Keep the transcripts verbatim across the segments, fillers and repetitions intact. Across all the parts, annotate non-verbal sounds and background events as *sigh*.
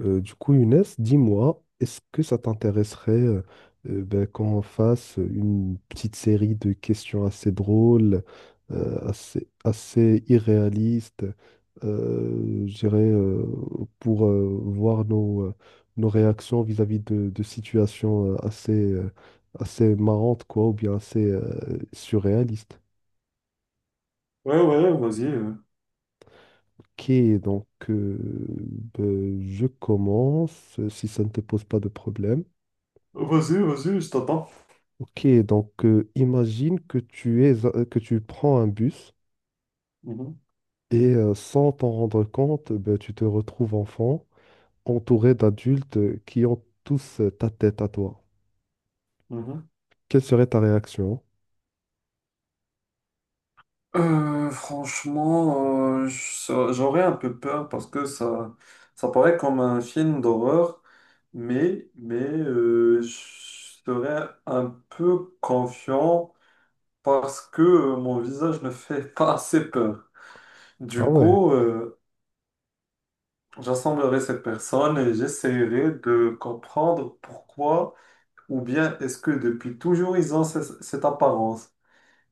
Euh, du coup, Younes, dis-moi, est-ce que ça t'intéresserait euh, euh, ben, qu'on fasse une petite série de questions assez drôles, euh, assez, assez irréalistes, euh, je dirais, euh, pour euh, voir nos, euh, nos réactions vis-à-vis de, de situations euh, assez, euh, assez marrantes, quoi, ou bien assez euh, surréalistes. Ouais, ouais, vas-y. euh. Ok, donc euh, ben, je commence, si ça ne te pose pas de problème. Vas-y, vas-y, je t'attends. Ok, donc euh, imagine que tu es, euh, que tu prends un bus Mhm, et euh, sans t'en rendre compte, ben, tu te retrouves enfant, entouré d'adultes euh, qui ont tous euh, ta tête à toi. mhm. Quelle serait ta réaction? Euh, franchement, euh, je- j'aurais un peu peur parce que ça, ça paraît comme un film d'horreur, mais, mais euh, je serais un peu confiant parce que euh, mon visage ne fait *laughs* pas assez peur. Ah Du ouais. coup, euh, j'assemblerai ces personnes et j'essaierai de comprendre pourquoi, ou bien est-ce que depuis toujours ils ont ce- cette apparence.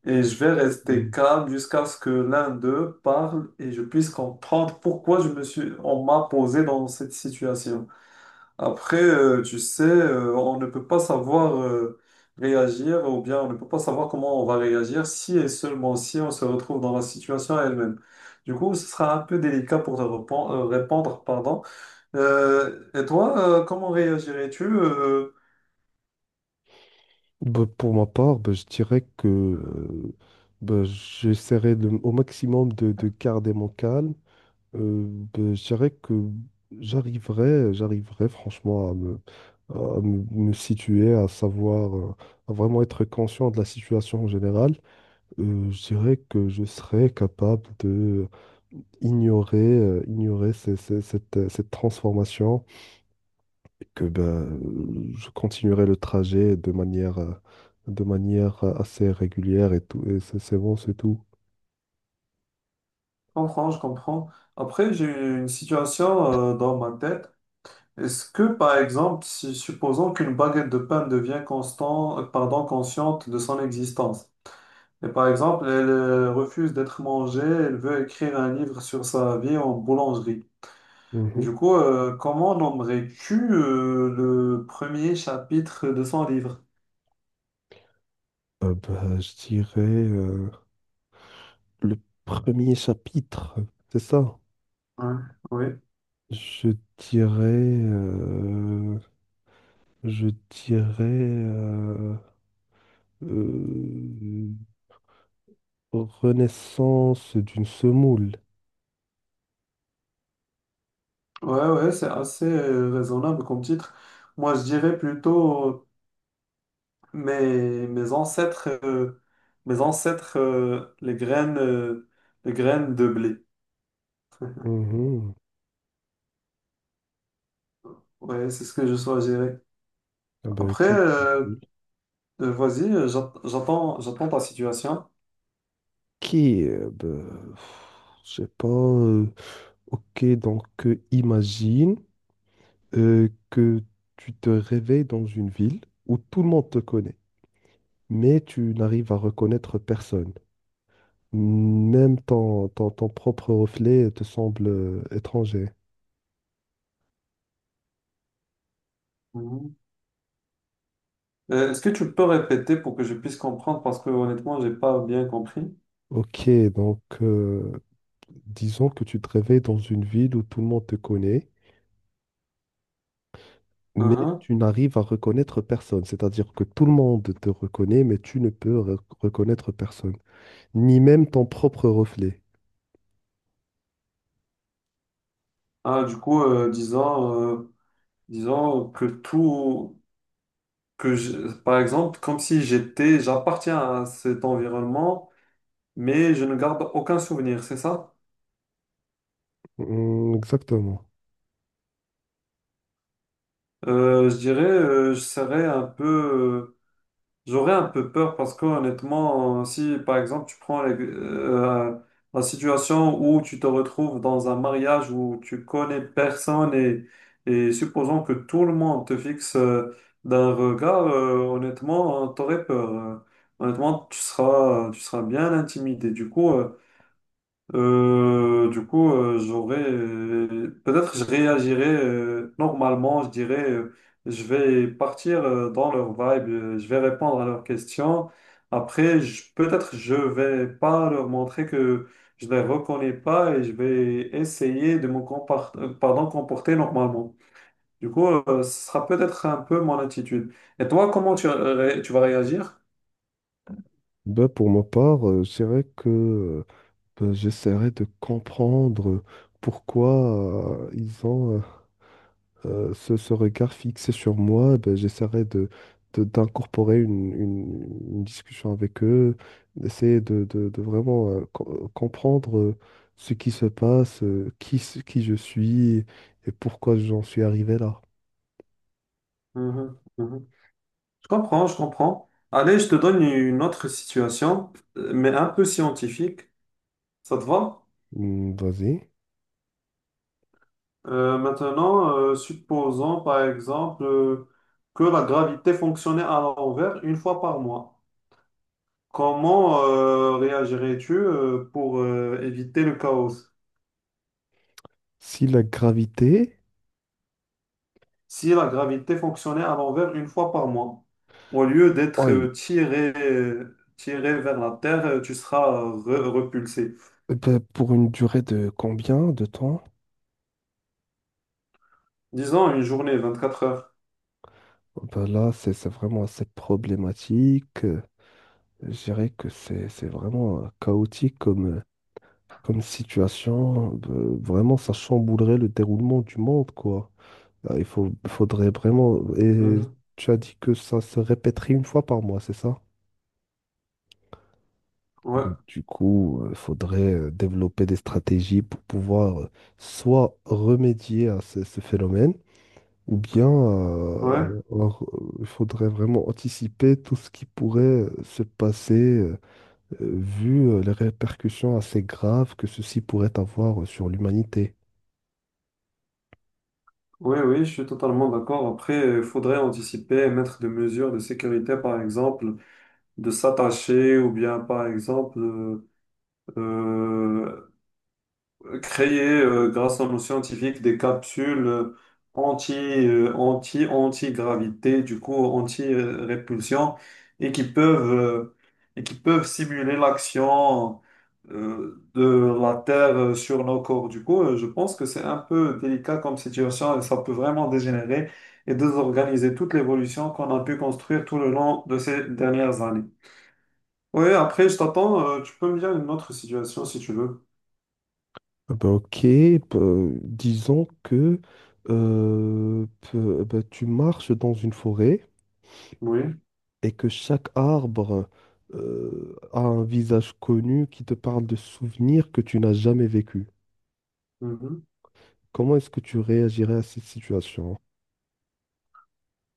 Et je vais rester Mm. calme jusqu'à ce que l'un d'eux parle et je puisse comprendre pourquoi je me suis, on m'a posé dans cette situation. Après, euh, tu sais, euh, on ne peut pas savoir euh, réagir, ou bien on ne peut pas savoir comment on va réagir si et seulement si on se retrouve dans la situation elle-même. Du coup, ce sera un peu délicat pour te répon- euh, répondre, pardon. Euh, et toi, euh, comment réagirais-tu? Euh, Ben, pour ma part, ben, je dirais que euh, ben, j'essaierai de- au maximum de, de garder mon calme. Euh, ben, je dirais que j'arriverais, j'arriverais franchement à me, à me, me situer, à savoir, euh, à vraiment être conscient de la situation en général. Euh, je dirais que je serais capable de ignorer, euh, ignorer ces- ces- cette, euh, cette transformation et que ben, euh, je continuerai le trajet de manière, euh, de manière assez régulière et tout. Et c'est c'est bon, c'est tout. Je comprends, je comprends. Après, j'ai eu une situation euh, dans ma tête. Est-ce que, par exemple, si, supposons qu'une baguette de pain devient constant, euh, pardon, consciente de son existence, et par exemple, elle euh, refuse d'être mangée, elle veut écrire un livre sur sa vie en boulangerie. Mhm. Du coup, euh, comment nommerais-tu euh, le premier chapitre de son livre? Euh, ben, je dirais. euh, Le premier chapitre, c'est ça. Ouais, oui, Je dirais, euh, je dirais euh, euh, Renaissance d'une semoule. ouais, ouais, c'est assez euh, raisonnable comme titre. Moi, je dirais plutôt euh, mes, mes ancêtres, euh, mes ancêtres, euh, les graines, euh, les graines de blé. Mhm. Ouais, c'est ce que je sois gérer. Ah bah Après, écoute, c'est euh, cool. euh, vas-y, euh, j'at- j'attends, j'attends ta situation. Ok, euh, bah, pff, je sais pas. Euh, ok, donc euh, imagine euh, que tu te réveilles dans une ville où tout le monde te connaît, mais tu n'arrives à reconnaître personne. Même ton, ton, ton propre reflet te semble euh, étranger. Mhm. Euh, Est-ce que tu peux répéter pour que je puisse comprendre? Parce que honnêtement, j'ai pas bien compris. Ok, donc euh, disons que tu te réveilles dans une ville où tout le monde te connaît, mais Mhm. tu n'arrives à reconnaître personne. C'est-à-dire que tout le monde te reconnaît, mais tu ne peux re- reconnaître personne, ni même ton propre reflet. Ah, du coup, euh, disons, euh, disons que tout, que je- par exemple, comme si j'étais, j'appartiens à cet environnement, mais je ne garde aucun souvenir, c'est ça? Hmm, exactement. Euh, je dirais, euh, je serais un peu, euh, j'aurais un peu peur parce que honnêtement, si par exemple tu prends les- euh, la situation où tu te retrouves dans un mariage où tu connais personne, et, et supposons que tout le monde te fixe euh, d'un regard, euh, honnêtement, t'aurais peur. Euh, Honnêtement, tu seras, tu seras bien intimidé. Du coup, euh, Euh, du coup, euh, j'aurais euh, peut-être je réagirais euh, normalement, je dirais euh, je vais partir euh, dans leur vibe, euh, je vais répondre à leurs questions. Après, je- peut-être je vais pas leur montrer que je les reconnais pas, et je vais essayer de me compar- euh, pardon, comporter normalement. Du coup, euh, ce sera peut-être un peu mon attitude. Et toi, comment tu, euh, ré- tu vas réagir? Ben, pour ma part, euh, je dirais que euh, ben, j'essaierai de comprendre pourquoi euh, ils ont euh, euh, ce, ce regard fixé sur moi, ben, j'essaierai de, de- d'incorporer une, une- une discussion avec eux, d'essayer de, de- de vraiment euh, co- comprendre euh, ce qui se passe, euh, qui, s- qui je suis et pourquoi j'en suis arrivé là. Mhm, mhm. Je comprends, je comprends. Allez, je te donne une autre situation, euh, mais un peu scientifique. Ça te va? Hmm, vas-y. Euh, maintenant, euh, supposons par exemple euh, que la gravité fonctionnait à l'envers une fois par mois. Comment euh, réagirais-tu euh, pour euh, éviter le chaos Si la gravité, si la gravité fonctionnait à l'envers une fois par mois? Au lieu d'être euh, oui, tiré, euh, tiré vers la Terre, euh, tu seras euh, re- repulsé. eh ben, pour une durée de combien de temps? Disons une journée, vingt-quatre heures. Oh, ben là, c'est c'est vraiment assez problématique. Euh, Je dirais que c'est c'est vraiment euh, chaotique comme situation, euh, vraiment, ça chamboulerait le déroulement du monde, quoi. Ah, Il faut, faudrait vraiment. Et Mhm. tu as dit que ça se répéterait une fois par mois, c'est ça? Ouais. Ben, du coup, il faudrait euh, développer des stratégies pour pouvoir euh, soit remédier à ce, ce phénomène, ou bien euh, Ouais, alors, euh, il faudrait vraiment anticiper tout ce qui pourrait euh, se passer euh, euh, vu euh, les répercussions assez graves que ceci pourrait avoir euh, sur l'humanité. ouais, oui, je suis totalement d'accord. Après, il faudrait anticiper, mettre des mesures de sécurité, par exemple, de s'attacher, ou bien, par exemple, euh, euh, créer, euh, grâce à nos scientifiques, des capsules euh, anti, euh, anti, anti-gravité, du coup, anti-répulsion, et qui peuvent, euh, et qui peuvent simuler l'action euh, de la Terre euh, sur nos corps. Du coup, euh, je pense que c'est un peu délicat comme situation et ça peut vraiment dégénérer et désorganiser toute l'évolution qu'on a pu construire tout le long de ces dernières années. Oui, après, je t'attends. Euh, tu peux me dire une autre situation si tu veux. Ah bah, ok, bah, disons que euh, peu- bah, tu marches dans une forêt Oui. et que chaque arbre euh, a un visage connu qui te parle de souvenirs que tu n'as jamais vécu. Mhm. Comment est-ce que tu réagirais à cette situation?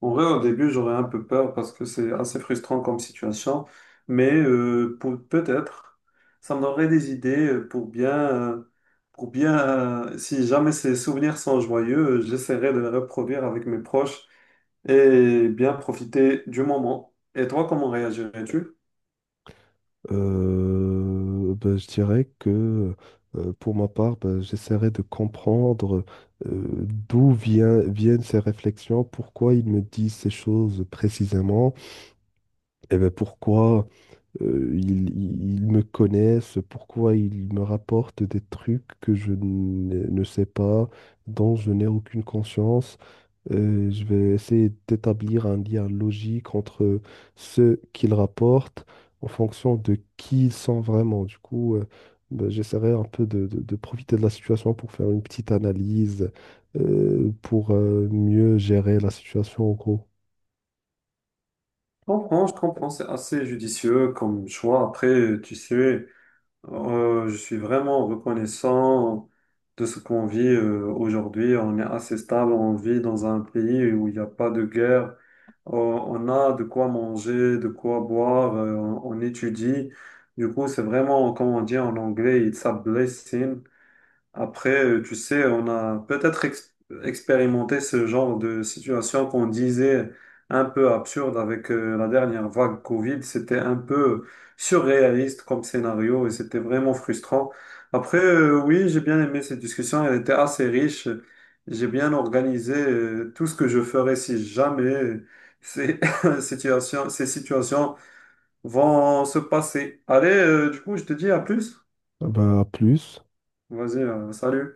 En vrai, au début, j'aurais un peu peur parce que c'est assez frustrant comme situation, mais euh, pour- peut-être, ça me donnerait des idées euh, pour bien, euh, pour bien, euh, si jamais ces souvenirs sont joyeux, euh, j'essaierai de les reproduire avec mes proches et bien profiter du moment. Et toi, comment réagirais-tu? Je Euh, bah, je dirais que euh, pour ma part, bah, j'essaierais de comprendre euh, d'où vient- viennent ces réflexions, pourquoi ils me disent ces choses précisément, et ben pourquoi. euh, ils, ils- ils me connaissent, pourquoi ils me rapportent des trucs que je ne ne sais pas, dont je n'ai aucune conscience. Euh, je vais essayer d'établir un lien logique entre ce qu'ils rapportent en fonction de qui ils sont vraiment. Du coup, euh, ben, j'essaierai un peu de, de- de profiter de la situation pour faire une petite analyse, euh, pour euh, mieux gérer la situation en gros. comprends, je comprends, c'est assez judicieux comme choix. Après, tu sais. Euh, je suis vraiment reconnaissant de ce qu'on vit euh, aujourd'hui. On est assez stable, on vit dans un pays où il n'y a pas de guerre. Euh, on a de quoi manger, de quoi boire, euh, on, on étudie. Du coup, c'est vraiment, comme on dit en anglais, it's a blessing. Après, euh, tu sais, on a peut-être ex- expérimenté ce genre de situation qu'on disait un peu absurde avec euh, la dernière vague Covid. C'était un peu surréaliste comme scénario et c'était vraiment frustrant. Après, euh, oui, j'ai bien aimé cette discussion. Elle était assez riche. J'ai bien organisé euh, tout ce que je ferais si jamais ces *laughs* situations, ces situations vont se passer. Allez, euh, du coup, je te dis à plus. Ben, à plus. Vas-y, euh, salut.